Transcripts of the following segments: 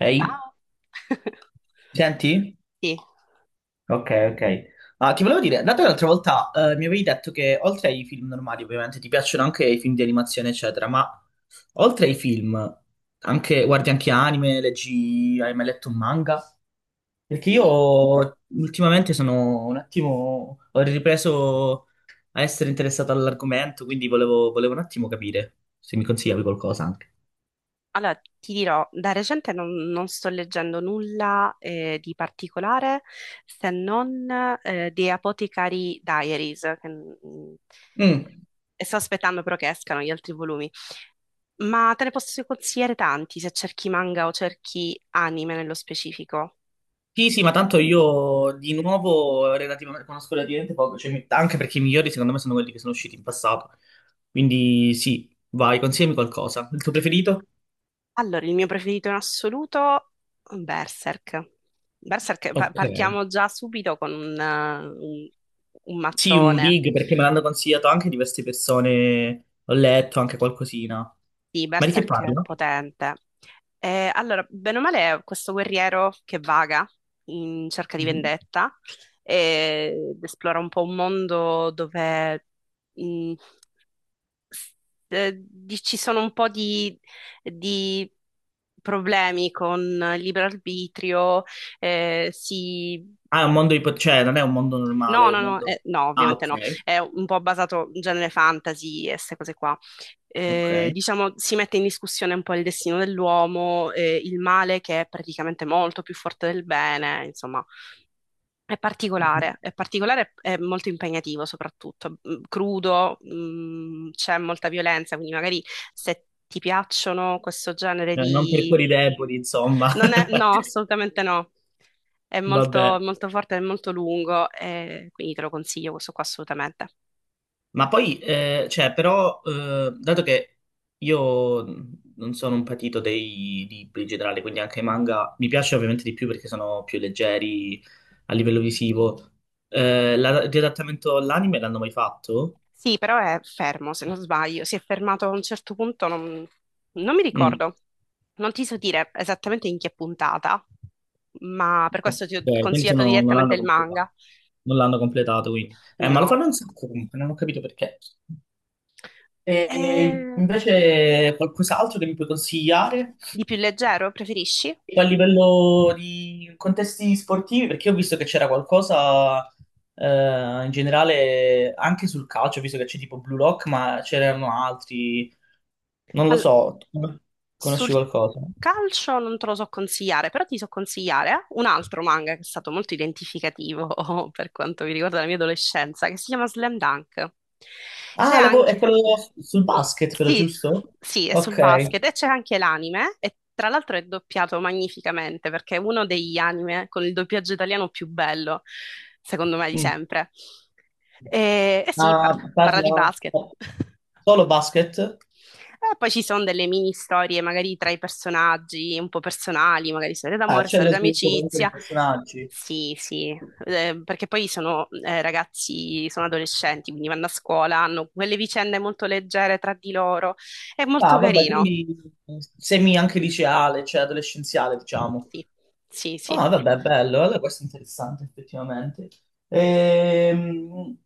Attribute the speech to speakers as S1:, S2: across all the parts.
S1: Ehi,
S2: Ah,
S1: senti?
S2: sì,
S1: Ok, ok. Ah, ti volevo dire, dato che l'altra volta mi avevi detto che oltre ai film normali, ovviamente, ti piacciono anche i film di animazione, eccetera, ma oltre ai film, anche, guardi anche anime, leggi, hai mai letto un manga? Perché
S2: sì.
S1: io ultimamente sono un attimo, ho ripreso a essere interessato all'argomento, quindi volevo un attimo capire se mi consigliavi qualcosa anche.
S2: Allora, ti dirò, da recente non sto leggendo nulla di particolare se non The Apothecary Diaries,
S1: Mm.
S2: e sto aspettando però che escano gli altri volumi. Ma te ne posso consigliare tanti se cerchi manga o cerchi anime nello specifico.
S1: Sì, sì, ma tanto io di nuovo relativamente, conosco relativamente poco, cioè, anche perché i migliori secondo me sono quelli che sono usciti in passato. Quindi sì, vai, consigliami qualcosa. Il tuo preferito?
S2: Allora, il mio preferito in assoluto, Berserk. Berserk, pa-
S1: Ok.
S2: partiamo già subito con un
S1: Sì, un
S2: mattone.
S1: big perché me l'hanno consigliato anche diverse persone, ho letto anche qualcosina.
S2: Sì,
S1: Ma di che
S2: Berserk è
S1: parla?
S2: potente. Allora, bene o male, è questo guerriero che vaga in cerca di
S1: Mhm.
S2: vendetta ed esplora un po' un mondo dove mh, s- ci sono un po' di problemi con il libero arbitrio, eh, si
S1: Ah, è un mondo cioè non è un mondo normale,
S2: No,
S1: è
S2: no,
S1: un
S2: no,
S1: mondo...
S2: no,
S1: Ah,
S2: ovviamente
S1: ok,
S2: no. È un po' basato in genere fantasy e queste cose qua. Eh,
S1: ok.
S2: diciamo, si mette in discussione un po' il destino dell'uomo, il male che è praticamente molto più forte del bene, insomma,
S1: Mhm.
S2: è particolare e molto impegnativo soprattutto, crudo, c'è molta violenza, quindi magari se ti piacciono questo genere
S1: Non per cuori deboli, insomma.
S2: non è, no, assolutamente no. È
S1: Vabbè.
S2: molto, molto forte, è molto lungo, e quindi te lo consiglio questo qua assolutamente.
S1: Ma poi, cioè, però, dato che io non sono un patito dei libri in generale, quindi anche i manga mi piace ovviamente di più perché sono più leggeri a livello visivo. L'adattamento all'anime l'hanno mai fatto?
S2: Sì, però è fermo, se non sbaglio. Si è fermato a un certo punto, non mi
S1: Mm,
S2: ricordo. Non ti so dire esattamente in che puntata, ma per
S1: ok,
S2: questo ti ho
S1: quindi
S2: consigliato
S1: non
S2: direttamente
S1: l'hanno
S2: il
S1: completato.
S2: manga.
S1: Non l'hanno completato, quindi. Ma lo
S2: No.
S1: fanno un sacco comunque, non ho capito perché. E
S2: Eh,
S1: invece qualcos'altro che mi puoi consigliare?
S2: di più leggero, preferisci?
S1: A livello di contesti sportivi, perché ho visto che c'era qualcosa in generale anche sul calcio, ho visto che c'è tipo Blue Lock, ma c'erano altri, non lo
S2: Al-
S1: so, tu conosci
S2: Sul
S1: qualcosa?
S2: calcio non te lo so consigliare, però ti so consigliare un altro manga che è stato molto identificativo per quanto mi riguarda la mia adolescenza, che si chiama Slam Dunk. C'è
S1: Ah, è
S2: anche...
S1: quello sul basket, però,
S2: Sì,
S1: giusto?
S2: sì, è sul
S1: Ok.
S2: basket e c'è anche l'anime e tra l'altro è doppiato magnificamente perché è uno degli anime con il doppiaggio italiano più bello, secondo me, di
S1: Mm.
S2: sempre. E
S1: Ma
S2: sì, parla di
S1: parla
S2: basket.
S1: solo basket?
S2: E poi ci sono delle mini storie, magari tra i personaggi, un po' personali, magari storie
S1: Ah,
S2: d'amore,
S1: c'è
S2: storie
S1: lo sviluppo comunque
S2: d'amicizia.
S1: dei personaggi.
S2: Sì, sì. Perché poi sono ragazzi, sono adolescenti, quindi vanno a scuola, hanno quelle vicende molto leggere tra di loro. È molto
S1: Ah, vabbè,
S2: carino.
S1: quindi semi anche liceale, cioè adolescenziale, diciamo.
S2: Sì, sì, sì.
S1: Ah, vabbè, bello, allora questo è interessante effettivamente. Ehm,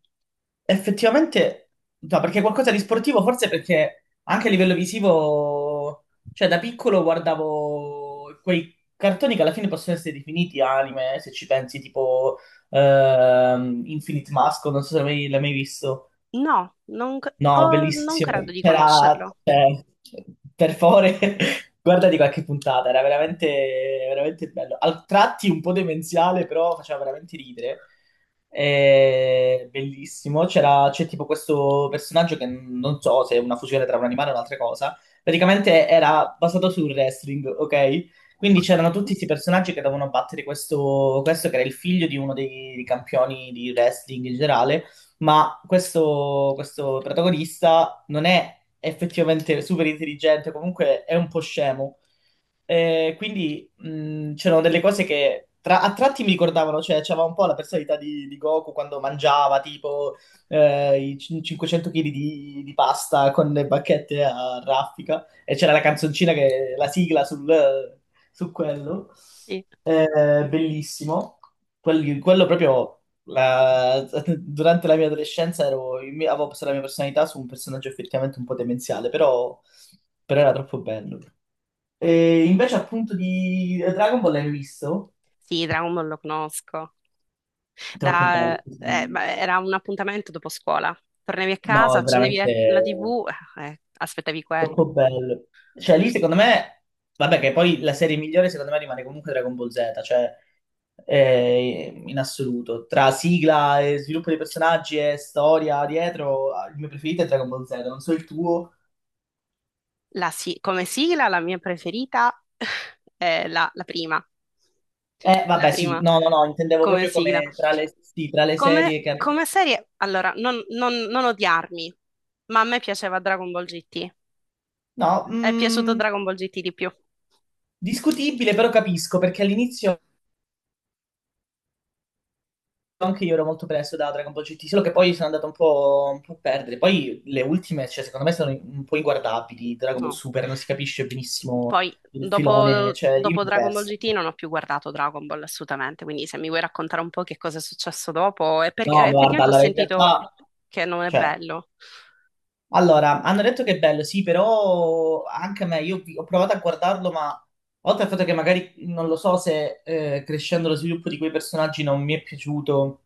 S1: effettivamente, no, perché qualcosa di sportivo, forse perché anche a livello visivo, cioè da piccolo guardavo quei cartoni che alla fine possono essere definiti anime, se ci pensi, tipo Infinite Mask, non so se l'hai mai visto.
S2: No, non, c-
S1: No,
S2: oh, non
S1: bellissimo.
S2: credo di
S1: C'era,
S2: conoscerlo.
S1: cioè, per favore, guardati qualche puntata, era veramente bello. Al tratti un po' demenziale, però faceva veramente ridere. Bellissimo. C'è tipo questo personaggio che non so se è una fusione tra un animale e un'altra cosa. Praticamente era basato sul wrestling, ok? Quindi
S2: Ok.
S1: c'erano tutti questi personaggi che dovevano battere questo che era il figlio di uno dei campioni di wrestling in generale, ma questo protagonista non è effettivamente super intelligente, comunque è un po' scemo. Quindi c'erano delle cose che a tratti mi ricordavano, cioè c'aveva un po' la personalità di Goku quando mangiava tipo i 500 kg di pasta con le bacchette a raffica e c'era la canzoncina che la sigla su quello.
S2: Sì,
S1: Bellissimo. Quello proprio durante la mia adolescenza avevo posto la mia personalità su un personaggio effettivamente un po' demenziale, però, però era troppo bello. E invece appunto di Dragon Ball l'hai visto?
S2: sì, Dragon Ball lo conosco.
S1: Troppo
S2: Da,
S1: bello.
S2: eh, ma era un appuntamento dopo scuola. Tornavi a casa,
S1: No,
S2: accendevi
S1: veramente
S2: la TV, aspettavi quello.
S1: troppo bello. Cioè lì secondo me, vabbè che poi la serie migliore secondo me rimane comunque Dragon Ball Z, cioè in assoluto. Tra sigla e sviluppo dei personaggi e storia dietro, il mio preferito è Dragon Ball Z, non so il tuo.
S2: Come sigla, la mia preferita è la prima.
S1: Eh
S2: La
S1: vabbè sì,
S2: prima
S1: no, no, no, intendevo
S2: come
S1: proprio
S2: sigla.
S1: come tra sì, tra le
S2: Come,
S1: serie che hanno...
S2: come serie, allora, non odiarmi, ma a me piaceva Dragon Ball GT.
S1: No,
S2: È piaciuto
S1: mm,
S2: Dragon Ball GT di più?
S1: discutibile però capisco perché all'inizio... anche io ero molto preso da Dragon Ball GT, solo che poi sono andato un un po' a perdere. Poi le ultime, cioè, secondo me, sono un po' inguardabili. Dragon Ball
S2: No.
S1: Super non si capisce benissimo
S2: Poi,
S1: il filone,
S2: dopo,
S1: cioè, io mi
S2: dopo
S1: sono
S2: Dragon Ball
S1: perso.
S2: GT, non ho più guardato Dragon Ball assolutamente. Quindi, se mi vuoi raccontare un po' che cosa è successo dopo, è perché
S1: No, ma guarda,
S2: effettivamente ho
S1: allora, in
S2: sentito
S1: realtà,
S2: che non è
S1: cioè,
S2: bello.
S1: allora, hanno detto che è bello, sì, però anche a me, io ho provato a guardarlo, ma oltre al fatto che magari non lo so se crescendo lo sviluppo di quei personaggi non mi è piaciuto,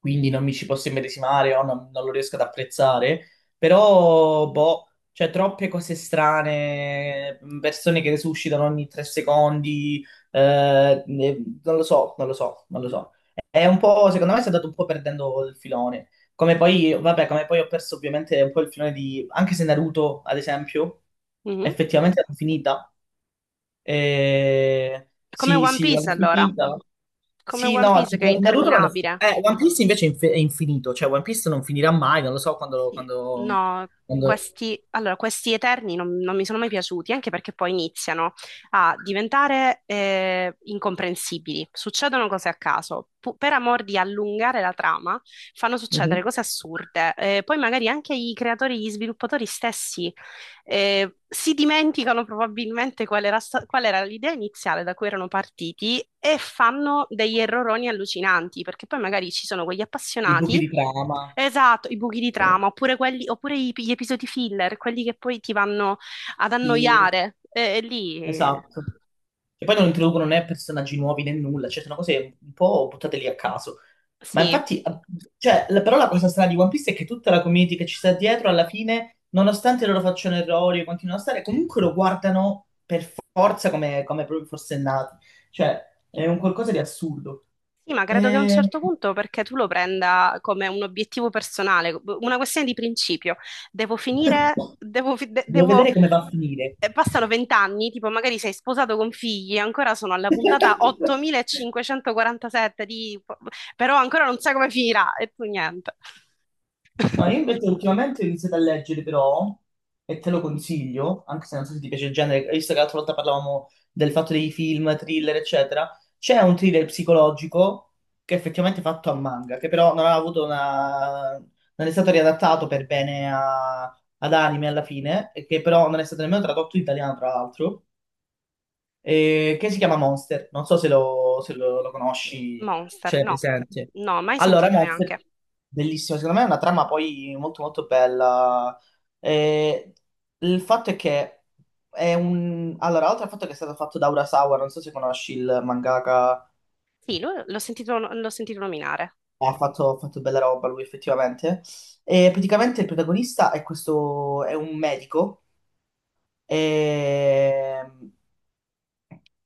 S1: quindi non mi ci posso immedesimare o non lo riesco ad apprezzare, però, boh, c'è troppe cose strane, persone che resuscitano ogni tre secondi, non lo so, non lo so. È un po', secondo me si è andato un po' perdendo il filone. Come poi, vabbè, come poi ho perso ovviamente un po' il filone di... Anche se Naruto, ad esempio,
S2: Mhm.
S1: effettivamente l'ho finita.
S2: Come
S1: Sì,
S2: One
S1: sì,
S2: Piece,
S1: l'hanno
S2: allora.
S1: finita.
S2: Come
S1: Sì,
S2: One
S1: no,
S2: Piece che è
S1: tipo Naruto l'hanno finita.
S2: interminabile.
S1: One Piece invece è è infinito, cioè One Piece non finirà mai, non lo so quando...
S2: Sì,
S1: quando,
S2: no,
S1: quando...
S2: allora, questi Eterni non mi sono mai piaciuti, anche perché poi iniziano a diventare incomprensibili. Succedono cose a caso. Per amor di allungare la trama, fanno succedere
S1: Mhm.
S2: cose assurde. Poi magari anche i creatori, gli sviluppatori stessi si dimenticano probabilmente qual era l'idea iniziale da cui erano partiti e fanno degli erroroni allucinanti, perché poi magari ci sono quegli
S1: I buchi
S2: appassionati.
S1: di trama.
S2: Esatto, i buchi di trama, oppure gli episodi filler, quelli che poi ti vanno ad
S1: Sì.
S2: annoiare. E, e lì eh,
S1: Esatto. E poi non introducono né personaggi nuovi né nulla, cioè sono cose un po' buttate lì a caso. Ma
S2: sì.
S1: infatti, cioè, però la cosa strana di One Piece è che tutta la community che ci sta dietro, alla fine, nonostante loro facciano errori e continuino a stare, comunque lo guardano per forza come, come proprio fosse nati. Cioè, è un qualcosa di assurdo.
S2: Sì, ma credo che a un
S1: E...
S2: certo punto, perché tu lo prenda come un obiettivo personale, una questione di principio. Devo finire, devo, fi- de-
S1: Devo
S2: devo-
S1: vedere come va a finire.
S2: passano 20 anni, tipo magari sei sposato con figli, ancora sono alla puntata 8547 . Però ancora non sai come finirà, e tu niente.
S1: No, io invece ultimamente ho iniziato a leggere però, e te lo consiglio, anche se non so se ti piace il genere, visto che l'altra volta parlavamo del fatto dei film, thriller, eccetera, c'è un thriller psicologico che è effettivamente fatto a manga, che però non ha avuto una... non è stato riadattato per bene ad anime alla fine, e che però non è stato nemmeno tradotto in italiano, tra l'altro che si chiama Monster. Non so se lo, se lo- lo conosci,
S2: Monster,
S1: ce l'hai
S2: no,
S1: presente.
S2: no, mai
S1: Allora,
S2: sentito neanche.
S1: Monster, bellissimo, secondo me è una trama poi molto molto bella. Eh, il fatto è che è un... Allora, oltre al fatto che è stato fatto da Urasawa, non so se conosci il mangaka,
S2: Sì, l'ho sentito nominare.
S1: ha fatto bella roba lui effettivamente. E praticamente il protagonista è è un medico. Ehm,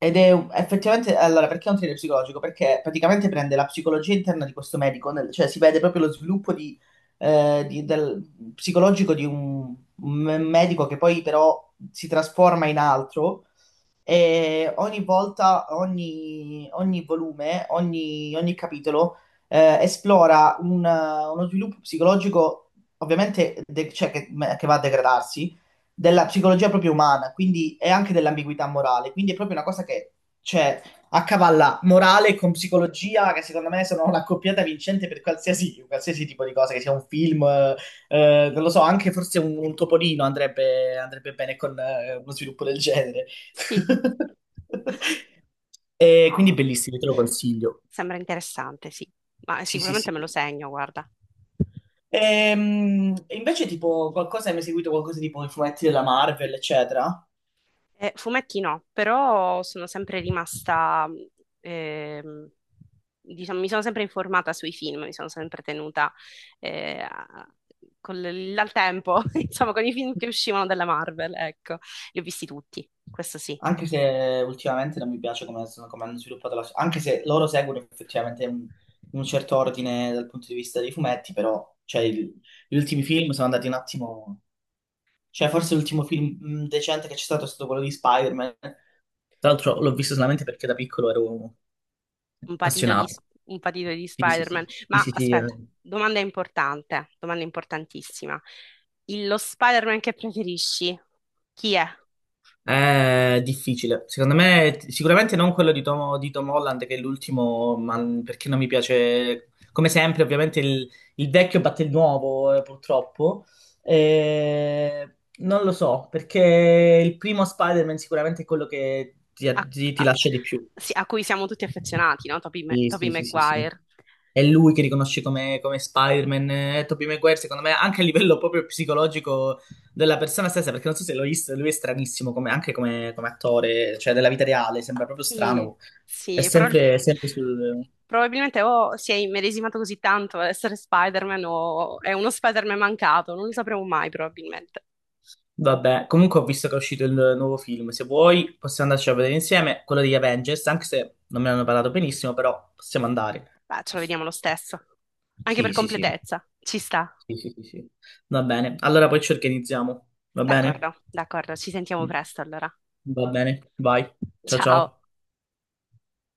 S1: Ed è effettivamente, allora, perché è un thriller psicologico? Perché praticamente prende la psicologia interna di questo medico, cioè si vede proprio lo sviluppo di, eh, di- del- psicologico di un medico che poi però si trasforma in altro e ogni volta, ogni volume, ogni capitolo esplora uno sviluppo psicologico, ovviamente, cioè che va a degradarsi, della psicologia proprio umana, quindi e anche dell'ambiguità morale. Quindi è proprio una cosa che cioè, accavalla morale con psicologia, che secondo me sono una coppiata vincente per qualsiasi, qualsiasi tipo di cosa, che sia un film, non lo so, anche forse un topolino andrebbe bene con uno sviluppo del genere.
S2: Sì,
S1: E quindi
S2: no.
S1: bellissimi, te lo consiglio.
S2: Sembra interessante, sì, ma
S1: Sì, sì,
S2: sicuramente
S1: sì.
S2: me lo segno, guarda.
S1: E, invece, tipo, qualcosa hai mai seguito qualcosa tipo i fumetti della Marvel, eccetera?
S2: Fumetti no, però sono sempre rimasta, ehm, diciamo, mi sono sempre informata sui film, mi sono sempre tenuta eh, a- al tempo, insomma, con i film che uscivano dalla Marvel, ecco, li ho visti tutti, questo sì.
S1: Anche se ultimamente non mi piace come, come hanno sviluppato la. Anche se loro seguono effettivamente un certo ordine dal punto di vista dei fumetti, però cioè, gli ultimi film sono andati un attimo. Cioè, forse l'ultimo film decente che c'è stato è stato quello di Spider-Man. Tra l'altro l'ho visto solamente perché da piccolo ero
S2: un patito di,
S1: appassionato.
S2: un patito di
S1: Sì, sì,
S2: Spider-Man.
S1: sì, sì,
S2: Ma
S1: sì, sì, eh.
S2: aspetta, domanda importante, domanda importantissima. Lo Spider-Man che preferisci, chi è?
S1: È difficile. Secondo me, sicuramente non quello di di Tom Holland, che è l'ultimo, ma perché non mi piace. Come sempre, ovviamente, il vecchio batte il nuovo, purtroppo. Eh, non lo so, perché il primo Spider-Man sicuramente è quello che
S2: a,
S1: ti
S2: a-
S1: lascia di più.
S2: sì, a cui siamo tutti affezionati, no?
S1: Sì,
S2: Tobey
S1: sì, sì, sì, sì.
S2: Maguire.
S1: È lui che riconosce come, come Spider-Man, è Tobey Maguire, secondo me, anche a livello proprio psicologico della persona stessa, perché non so se l'ho visto, lui è stranissimo anche come, come attore, cioè della vita reale, sembra proprio
S2: Sì,
S1: strano. È
S2: sì,
S1: sempre, sempre sul...
S2: probabilmente o si è immedesimato così tanto ad essere Spider-Man o è uno Spider-Man mancato, non lo sapremo mai probabilmente.
S1: Vabbè, comunque ho visto che è uscito il nuovo film, se vuoi possiamo andarci a vedere insieme, quello degli Avengers, anche se non me ne hanno parlato benissimo, però possiamo andare.
S2: Beh, ce lo vediamo lo stesso, anche per
S1: Sì, sì, sì,
S2: completezza, ci sta.
S1: sì, sì, sì, sì. Va bene, allora poi ci organizziamo, va bene?
S2: D'accordo, d'accordo, ci sentiamo presto allora.
S1: Va bene, vai, ciao
S2: Ciao.
S1: ciao.